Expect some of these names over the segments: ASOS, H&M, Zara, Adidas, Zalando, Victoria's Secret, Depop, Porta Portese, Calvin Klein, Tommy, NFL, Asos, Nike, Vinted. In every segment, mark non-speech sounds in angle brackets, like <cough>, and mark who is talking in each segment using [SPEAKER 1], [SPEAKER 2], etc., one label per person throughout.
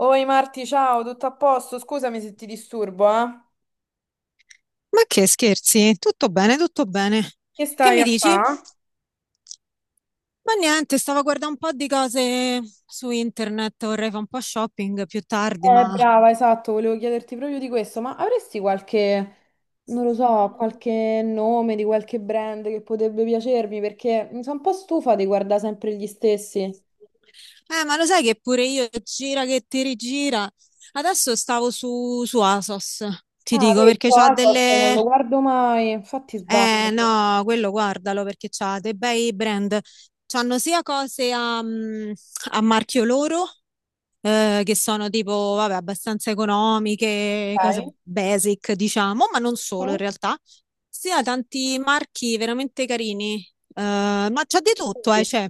[SPEAKER 1] Oi Marti, ciao, tutto a posto? Scusami se ti disturbo, eh?
[SPEAKER 2] Ma che scherzi? Tutto bene, tutto bene.
[SPEAKER 1] Che
[SPEAKER 2] Che
[SPEAKER 1] stai
[SPEAKER 2] mi
[SPEAKER 1] a
[SPEAKER 2] dici?
[SPEAKER 1] fa?
[SPEAKER 2] Ma niente, stavo a guardare un po' di cose su internet, vorrei fare un po' shopping più tardi, ma.
[SPEAKER 1] Brava, esatto, volevo chiederti proprio di questo, ma avresti qualche, non lo so, qualche nome di qualche brand che potrebbe piacermi? Perché mi sono un po' stufa di guardare sempre gli stessi.
[SPEAKER 2] Ma lo sai che pure io, gira che ti rigira. Adesso stavo su ASOS, ti
[SPEAKER 1] Ah,
[SPEAKER 2] dico, perché
[SPEAKER 1] questo
[SPEAKER 2] c'ha
[SPEAKER 1] Asos non
[SPEAKER 2] delle.
[SPEAKER 1] lo guardo mai, infatti
[SPEAKER 2] Eh
[SPEAKER 1] sbaglio.
[SPEAKER 2] no, quello guardalo perché c'ha dei bei brand. C'hanno sia cose a marchio loro, che sono tipo, vabbè, abbastanza economiche, cose
[SPEAKER 1] Ok.
[SPEAKER 2] basic, diciamo, ma non solo in
[SPEAKER 1] Mm?
[SPEAKER 2] realtà. Sia tanti marchi veramente carini. Ma c'è di tutto,
[SPEAKER 1] Sì.
[SPEAKER 2] cioè,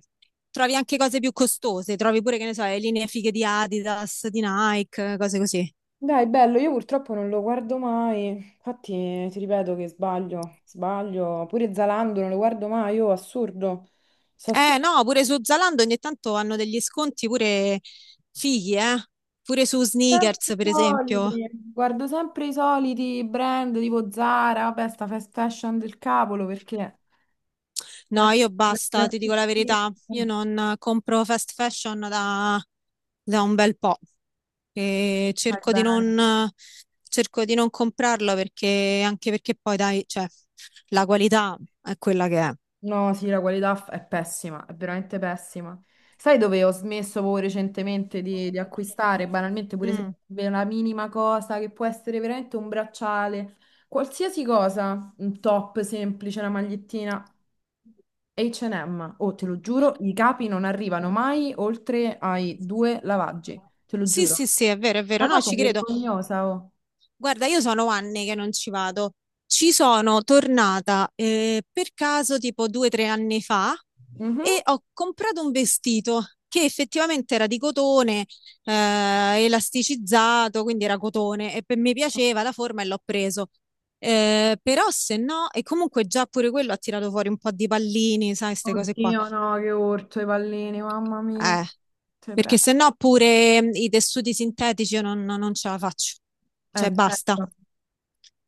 [SPEAKER 2] trovi anche cose più costose, trovi pure, che ne so, le linee fighe di Adidas, di Nike, cose così.
[SPEAKER 1] Dai, bello, io purtroppo non lo guardo mai, infatti ti ripeto che sbaglio, sbaglio, pure Zalando non lo guardo mai, io assurdo, so se-
[SPEAKER 2] Eh no, pure su Zalando ogni tanto hanno degli sconti pure fighi, eh? Pure su
[SPEAKER 1] sempre
[SPEAKER 2] sneakers,
[SPEAKER 1] i
[SPEAKER 2] per esempio.
[SPEAKER 1] soliti, guardo sempre i soliti brand tipo Zara, vabbè, sta fast fashion del cavolo perché.
[SPEAKER 2] No,
[SPEAKER 1] Guarda,
[SPEAKER 2] io
[SPEAKER 1] la-
[SPEAKER 2] basta, ti dico la verità. Io
[SPEAKER 1] la-
[SPEAKER 2] non compro fast fashion da un bel po'. E
[SPEAKER 1] vai
[SPEAKER 2] cerco di
[SPEAKER 1] bene.
[SPEAKER 2] non, cerco di non comprarlo perché, anche perché poi, dai, cioè, la qualità è quella che è.
[SPEAKER 1] No, sì, la qualità è pessima, è veramente pessima. Sai dove ho smesso proprio recentemente di acquistare? Banalmente, pure se
[SPEAKER 2] Mm.
[SPEAKER 1] la minima cosa che può essere veramente un bracciale, qualsiasi cosa, un top semplice, una magliettina, H&M. Oh, te lo giuro, i capi non arrivano mai oltre ai due lavaggi, te lo
[SPEAKER 2] Sì,
[SPEAKER 1] giuro.
[SPEAKER 2] sì, sì, è vero, è vero.
[SPEAKER 1] Una
[SPEAKER 2] No,
[SPEAKER 1] cosa
[SPEAKER 2] ci credo.
[SPEAKER 1] vergognosa, oh.
[SPEAKER 2] Guarda, io sono anni che non ci vado. Ci sono tornata, per caso tipo 2 o 3 anni fa
[SPEAKER 1] Mhm.
[SPEAKER 2] e ho comprato un vestito che effettivamente era di cotone, eh, elasticizzato, quindi era cotone e mi piaceva la forma e l'ho preso. Però se no, e comunque già pure quello ha tirato fuori un po' di pallini, sai, queste cose qua.
[SPEAKER 1] Oddio, no, che urto i pallini, mamma mia.
[SPEAKER 2] Eh,
[SPEAKER 1] Te
[SPEAKER 2] perché
[SPEAKER 1] prego.
[SPEAKER 2] se no pure, mm, i tessuti sintetici io non ce la faccio. Cioè, basta.
[SPEAKER 1] Certo.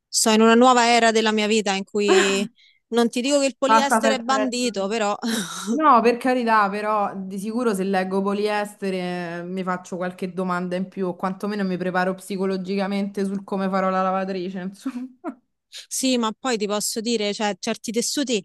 [SPEAKER 2] Sto in una nuova era della mia vita in cui non ti dico che il
[SPEAKER 1] Fatta
[SPEAKER 2] poliestere è
[SPEAKER 1] perfetta.
[SPEAKER 2] bandito, però <laughs>
[SPEAKER 1] No, per carità, però di sicuro se leggo poliestere mi faccio qualche domanda in più, o quantomeno mi preparo psicologicamente sul come farò la lavatrice, insomma. <laughs>
[SPEAKER 2] sì, ma poi ti posso dire, cioè, certi tessuti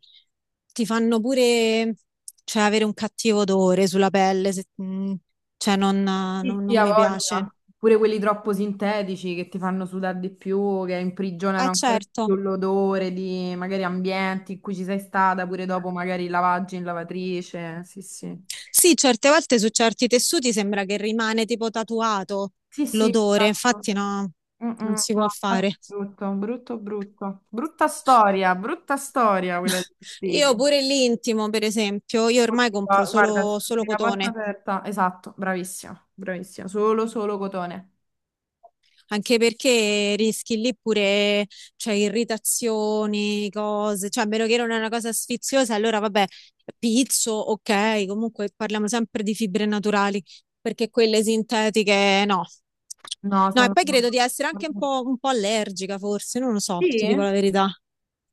[SPEAKER 2] ti fanno pure, cioè, avere un cattivo odore sulla pelle, cioè, non,
[SPEAKER 1] Sì,
[SPEAKER 2] non-
[SPEAKER 1] Chi
[SPEAKER 2] non
[SPEAKER 1] ha sì.
[SPEAKER 2] mi piace.
[SPEAKER 1] voglia. Pure quelli troppo sintetici che ti fanno sudare di più, che imprigionano ancora di
[SPEAKER 2] Certo.
[SPEAKER 1] più l'odore di magari ambienti in cui ci sei stata, pure dopo magari lavaggi in lavatrice. Sì, sì.
[SPEAKER 2] Sì, certe volte su certi tessuti sembra che rimane tipo tatuato
[SPEAKER 1] Sì, sì,
[SPEAKER 2] l'odore,
[SPEAKER 1] esatto.
[SPEAKER 2] infatti no,
[SPEAKER 1] Mm, mm,
[SPEAKER 2] non si può
[SPEAKER 1] no, infatti
[SPEAKER 2] fare.
[SPEAKER 1] è brutto, brutto, brutto. Brutta storia quella dei
[SPEAKER 2] Io
[SPEAKER 1] vestiti.
[SPEAKER 2] pure l'intimo, per esempio, io ormai
[SPEAKER 1] Oddio,
[SPEAKER 2] compro
[SPEAKER 1] guarda,
[SPEAKER 2] solo,
[SPEAKER 1] sì,
[SPEAKER 2] solo
[SPEAKER 1] la porta
[SPEAKER 2] cotone,
[SPEAKER 1] aperta. Esatto, bravissima, bravissima. Solo, solo cotone.
[SPEAKER 2] anche perché rischi lì pure, cioè, irritazioni, cose, cioè, a meno che non è una cosa sfiziosa, allora vabbè, pizzo, ok, comunque parliamo sempre di fibre naturali, perché quelle sintetiche no.
[SPEAKER 1] No,
[SPEAKER 2] No, e
[SPEAKER 1] sono...
[SPEAKER 2] poi credo di essere anche un po' allergica, forse, non lo so, ti dico
[SPEAKER 1] Sì?
[SPEAKER 2] la verità.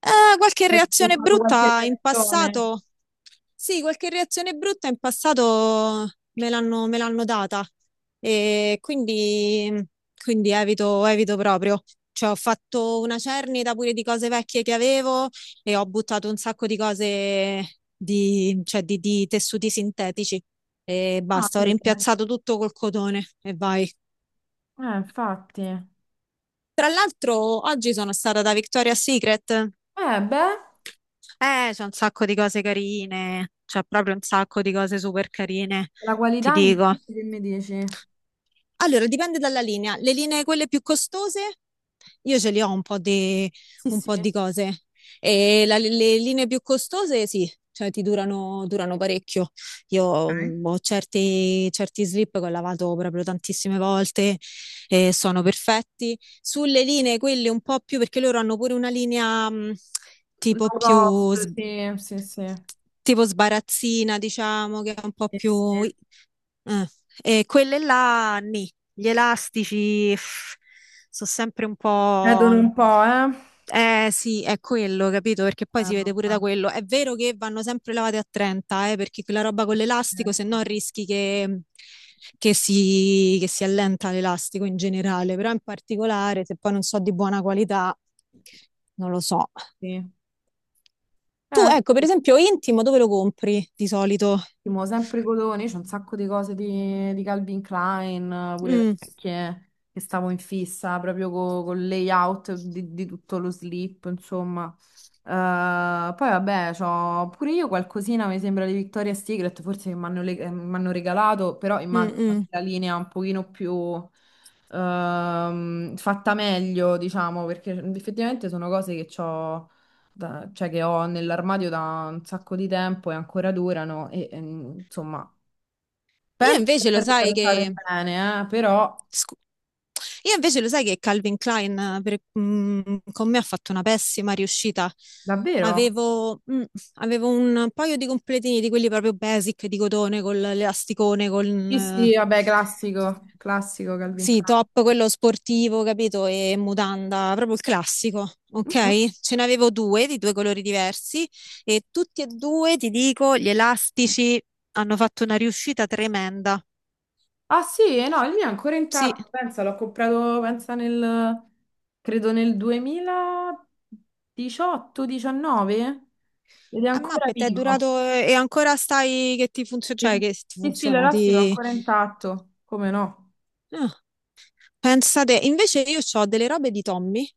[SPEAKER 2] Qualche
[SPEAKER 1] Hai
[SPEAKER 2] reazione
[SPEAKER 1] fatto qualche
[SPEAKER 2] brutta in
[SPEAKER 1] reazione?
[SPEAKER 2] passato? Sì, qualche reazione brutta in passato me l'hanno data e quindi, quindi evito, evito proprio. Cioè, ho fatto una cernita pure di cose vecchie che avevo e ho buttato un sacco di cose di, cioè, di tessuti sintetici e
[SPEAKER 1] Ah,
[SPEAKER 2] basta, ho
[SPEAKER 1] vede.
[SPEAKER 2] rimpiazzato tutto col cotone e vai.
[SPEAKER 1] Infatti.
[SPEAKER 2] Tra l'altro, oggi sono stata da Victoria's Secret.
[SPEAKER 1] Beh,
[SPEAKER 2] C'è un sacco di cose carine, c'è proprio un sacco di cose super carine,
[SPEAKER 1] la
[SPEAKER 2] ti
[SPEAKER 1] qualità in
[SPEAKER 2] dico.
[SPEAKER 1] questo che mi dici?
[SPEAKER 2] Allora, dipende dalla linea. Le linee quelle più costose, io ce li ho un po' di,
[SPEAKER 1] Sì,
[SPEAKER 2] un
[SPEAKER 1] sì.
[SPEAKER 2] po' di cose. E le linee più costose, sì, cioè ti durano, durano parecchio. Io,
[SPEAKER 1] Ok.
[SPEAKER 2] mm, ho certi, certi slip che ho lavato proprio tantissime volte e sono perfetti. Sulle linee, quelle un po' più, perché loro hanno pure una linea, mm, tipo
[SPEAKER 1] Low
[SPEAKER 2] più
[SPEAKER 1] cost,
[SPEAKER 2] sbagliata.
[SPEAKER 1] sì, sì, sì.
[SPEAKER 2] Tipo sbarazzina, diciamo, che è un po'
[SPEAKER 1] Sì, sì.
[SPEAKER 2] più. Eh. E quelle là, nì. Gli elastici sono sempre un
[SPEAKER 1] Vedono
[SPEAKER 2] po'.
[SPEAKER 1] un po', eh.
[SPEAKER 2] Eh sì, è quello, capito? Perché poi si vede pure da
[SPEAKER 1] Vabbè.
[SPEAKER 2] quello. È vero che vanno sempre lavate a 30, perché quella roba con l'elastico, se no
[SPEAKER 1] Certo,
[SPEAKER 2] rischi che si allenta l'elastico in generale, però in particolare, se poi non so di buona qualità, non lo so.
[SPEAKER 1] sì.
[SPEAKER 2] Tu,
[SPEAKER 1] Eh,
[SPEAKER 2] ecco, per esempio, intimo, dove lo compri di solito?
[SPEAKER 1] ottimo, sempre Codoni, c'è un sacco di cose di Calvin Klein, pure
[SPEAKER 2] Mm,
[SPEAKER 1] vecchie, che stavo in fissa proprio col layout di tutto lo slip, insomma. Eh, poi vabbè, c'ho pure io qualcosina, mi sembra di Victoria's Secret, forse che m'hanno regalato, però
[SPEAKER 2] mm,
[SPEAKER 1] immagino che
[SPEAKER 2] mm.
[SPEAKER 1] la linea un pochino più fatta meglio, diciamo, perché effettivamente sono cose che ho cioè che ho nell'armadio da un sacco di tempo e ancora durano e insomma,
[SPEAKER 2] Io
[SPEAKER 1] penso di
[SPEAKER 2] invece lo
[SPEAKER 1] averle
[SPEAKER 2] sai
[SPEAKER 1] tratate
[SPEAKER 2] che...
[SPEAKER 1] bene, però
[SPEAKER 2] scu- Io invece lo sai che Calvin Klein, con me ha fatto una pessima riuscita.
[SPEAKER 1] davvero?
[SPEAKER 2] Avevo, mm, avevo un paio di completini di quelli proprio basic di cotone con l'elasticone, con.
[SPEAKER 1] Sì, sì,
[SPEAKER 2] Eh,
[SPEAKER 1] vabbè, classico, classico Calvin
[SPEAKER 2] sì,
[SPEAKER 1] Klein.
[SPEAKER 2] top, quello sportivo, capito? E mutanda, proprio il classico,
[SPEAKER 1] Mhm.
[SPEAKER 2] ok? Ce n'avevo due di due colori diversi e tutti e due, ti dico, gli elastici hanno fatto una riuscita tremenda.
[SPEAKER 1] Ah sì, no, il mio è ancora
[SPEAKER 2] Sì,
[SPEAKER 1] intatto, pensa, l'ho comprato, pensa nel, credo nel 2018-19 ed è
[SPEAKER 2] a
[SPEAKER 1] ancora
[SPEAKER 2] Muppet è
[SPEAKER 1] vivo.
[SPEAKER 2] durato e ancora stai che ti funziona,
[SPEAKER 1] Sì,
[SPEAKER 2] cioè che ti
[SPEAKER 1] sì, sì,
[SPEAKER 2] funziona,
[SPEAKER 1] l'elastico è
[SPEAKER 2] ti.
[SPEAKER 1] ancora intatto, come no?
[SPEAKER 2] Ah, pensate, invece io ho delle robe di Tommy,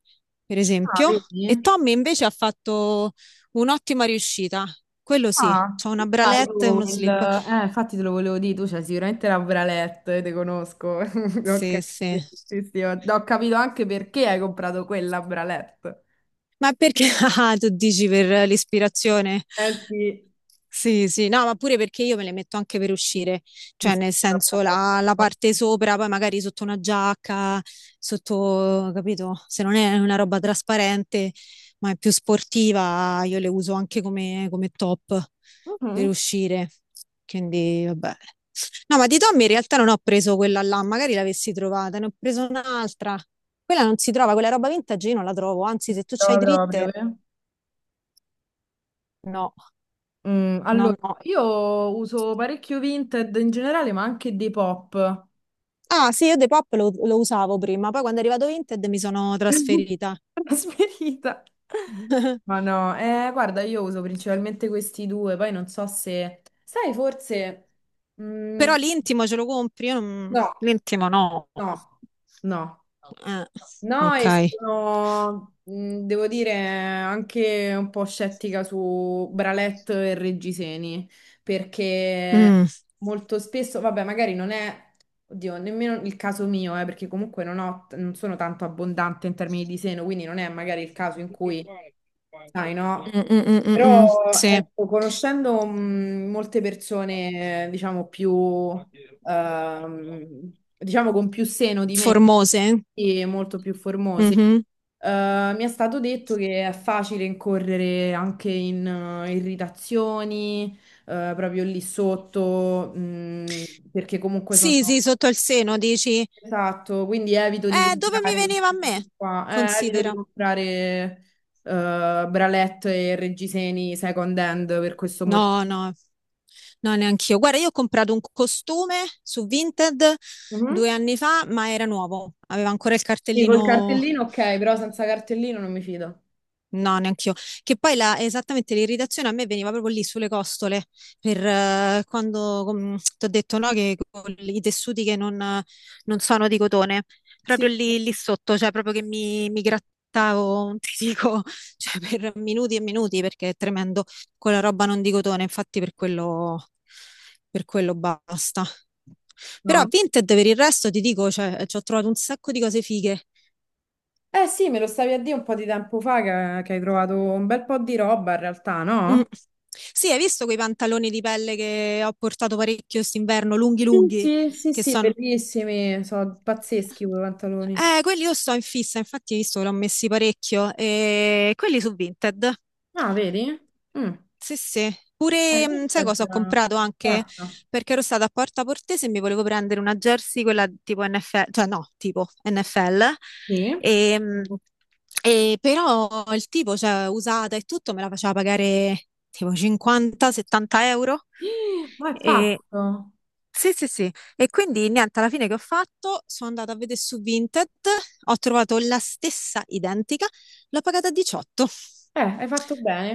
[SPEAKER 2] per
[SPEAKER 1] Ah,
[SPEAKER 2] esempio, e
[SPEAKER 1] vedi?
[SPEAKER 2] Tommy invece ha fatto un'ottima riuscita, quello sì,
[SPEAKER 1] Ah,
[SPEAKER 2] c'ho una
[SPEAKER 1] sai, sai.
[SPEAKER 2] bralette e
[SPEAKER 1] Io
[SPEAKER 2] uno slip,
[SPEAKER 1] infatti te lo volevo dire, tu c'hai sicuramente la bralette, te conosco. <laughs>
[SPEAKER 2] sì,
[SPEAKER 1] Ok,
[SPEAKER 2] sì.
[SPEAKER 1] sì, sì, ho capito anche perché hai comprato quella bralette.
[SPEAKER 2] Ma perché, <laughs> ah, tu dici per l'ispirazione?
[SPEAKER 1] Eh sì.
[SPEAKER 2] Sì, sì, no, ma pure perché io me le metto anche per uscire,
[SPEAKER 1] Sì,
[SPEAKER 2] cioè
[SPEAKER 1] sì.
[SPEAKER 2] nel senso la parte sopra, poi magari sotto una giacca, sotto, capito? Se non è una roba trasparente, ma è più sportiva, io le uso anche come, come top per
[SPEAKER 1] Mhm.
[SPEAKER 2] uscire. Quindi, vabbè. No, ma di Tommy in realtà non ho preso quella là, magari l'avessi trovata, ne ho preso un'altra. Quella non si trova, quella roba vintage io non la trovo, anzi se tu c'hai
[SPEAKER 1] Trova proprio,
[SPEAKER 2] dritte,
[SPEAKER 1] eh.
[SPEAKER 2] no,
[SPEAKER 1] Mm,
[SPEAKER 2] no,
[SPEAKER 1] allora,
[SPEAKER 2] no.
[SPEAKER 1] io uso parecchio Vinted in generale, ma anche Depop.
[SPEAKER 2] Ah, sì, io Depop lo usavo prima, poi quando è arrivato Vinted mi sono
[SPEAKER 1] <laughs>
[SPEAKER 2] trasferita.
[SPEAKER 1] Trasferita. Ma
[SPEAKER 2] <laughs>
[SPEAKER 1] no, guarda, io uso principalmente questi due, poi non so se. Sai, forse. Mm,
[SPEAKER 2] Però l'intimo ce lo compri? Io non.
[SPEAKER 1] no,
[SPEAKER 2] L'intimo no.
[SPEAKER 1] no, no.
[SPEAKER 2] Eh,
[SPEAKER 1] No,
[SPEAKER 2] ok.
[SPEAKER 1] e sono, devo dire, anche un po' scettica su Bralet e Reggiseni, perché
[SPEAKER 2] Mm,
[SPEAKER 1] molto spesso, vabbè, magari non è, oddio, nemmeno il caso mio, perché comunque non ho, non sono tanto abbondante in termini di seno, quindi non è magari il caso in cui, sai, no?
[SPEAKER 2] mm, mm, mm, mm, mm.
[SPEAKER 1] Però,
[SPEAKER 2] Sì,
[SPEAKER 1] ecco, conoscendo, molte persone, diciamo, più ehm, diciamo con più seno di me
[SPEAKER 2] formose.
[SPEAKER 1] e molto più formose.
[SPEAKER 2] Mhm.
[SPEAKER 1] Mi è stato detto che è facile incorrere anche in irritazioni, proprio lì sotto, perché comunque
[SPEAKER 2] Sì,
[SPEAKER 1] sono...
[SPEAKER 2] sì, sotto il seno dici,
[SPEAKER 1] Esatto, quindi evito di
[SPEAKER 2] dove mi
[SPEAKER 1] comprare
[SPEAKER 2] veniva a
[SPEAKER 1] queste
[SPEAKER 2] me?
[SPEAKER 1] cose qua, evito di
[SPEAKER 2] Considera.
[SPEAKER 1] comprare bralette e reggiseni second hand per questo motivo.
[SPEAKER 2] No, no, no, neanch'io. Guarda, io ho comprato un costume su Vinted
[SPEAKER 1] Mhm.
[SPEAKER 2] 2 anni fa, ma era nuovo, aveva ancora il
[SPEAKER 1] Sì, col
[SPEAKER 2] cartellino.
[SPEAKER 1] cartellino ok, però senza cartellino non mi fido.
[SPEAKER 2] No, neanch'io. Che poi esattamente l'irritazione a me veniva proprio lì sulle costole, per, quando ti ho detto no, che con i tessuti che non, non sono di cotone,
[SPEAKER 1] Sì,
[SPEAKER 2] proprio
[SPEAKER 1] sì.
[SPEAKER 2] lì, lì sotto, cioè proprio che mi grattavo, non ti dico, <laughs> cioè per minuti e minuti, perché è tremendo, quella roba non di cotone, infatti per quello basta. Però a
[SPEAKER 1] No.
[SPEAKER 2] Vinted per il resto ti dico, cioè, ci ho trovato un sacco di cose fighe.
[SPEAKER 1] Eh sì, me lo stavi a dire un po' di tempo fa che hai trovato un bel po' di roba in realtà,
[SPEAKER 2] Mm.
[SPEAKER 1] no?
[SPEAKER 2] Sì, hai visto quei pantaloni di pelle che ho portato parecchio quest'inverno, lunghi
[SPEAKER 1] Sì,
[SPEAKER 2] lunghi,
[SPEAKER 1] sì, sì,
[SPEAKER 2] che
[SPEAKER 1] sì,
[SPEAKER 2] sono.
[SPEAKER 1] bellissimi, sono pazzeschi quei pantaloni.
[SPEAKER 2] Quelli io sto in fissa, infatti hai visto che l'ho messi parecchio, e quelli su Vinted.
[SPEAKER 1] Ah, vedi? Mm.
[SPEAKER 2] Sì, sì. Pure, sai cosa ho
[SPEAKER 1] Vintage.
[SPEAKER 2] comprato anche?
[SPEAKER 1] Guarda.
[SPEAKER 2] Perché ero stata a Porta Portese e mi volevo prendere una jersey, quella tipo NFL, cioè no, tipo NFL.
[SPEAKER 1] Sì.
[SPEAKER 2] E, mh, e però il tipo, cioè, usata e tutto, me la faceva pagare tipo 50-70 euro.
[SPEAKER 1] Ih, ma è fatto.
[SPEAKER 2] Sì, sì, sì. E quindi niente, alla fine che ho fatto, sono andata a vedere su Vinted, ho trovato la stessa identica, l'ho pagata a 18.
[SPEAKER 1] Hai fatto bene.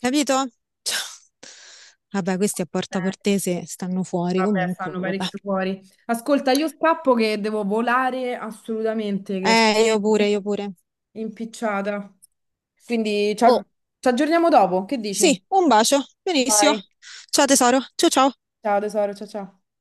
[SPEAKER 2] Capito? Cioè, vabbè, questi a Porta
[SPEAKER 1] Bene.
[SPEAKER 2] Portese stanno fuori
[SPEAKER 1] Vabbè,
[SPEAKER 2] comunque,
[SPEAKER 1] stanno
[SPEAKER 2] vabbè.
[SPEAKER 1] parecchio fuori. Ascolta, io scappo che devo volare assolutamente, che sono
[SPEAKER 2] Io pure, io
[SPEAKER 1] <laughs>
[SPEAKER 2] pure.
[SPEAKER 1] impicciata. Quindi
[SPEAKER 2] Oh,
[SPEAKER 1] ci aggiorniamo dopo, che
[SPEAKER 2] sì,
[SPEAKER 1] dici?
[SPEAKER 2] un bacio. Benissimo.
[SPEAKER 1] Vai.
[SPEAKER 2] Ciao tesoro. Ciao ciao.
[SPEAKER 1] Ciao tesoro, ciao ciao.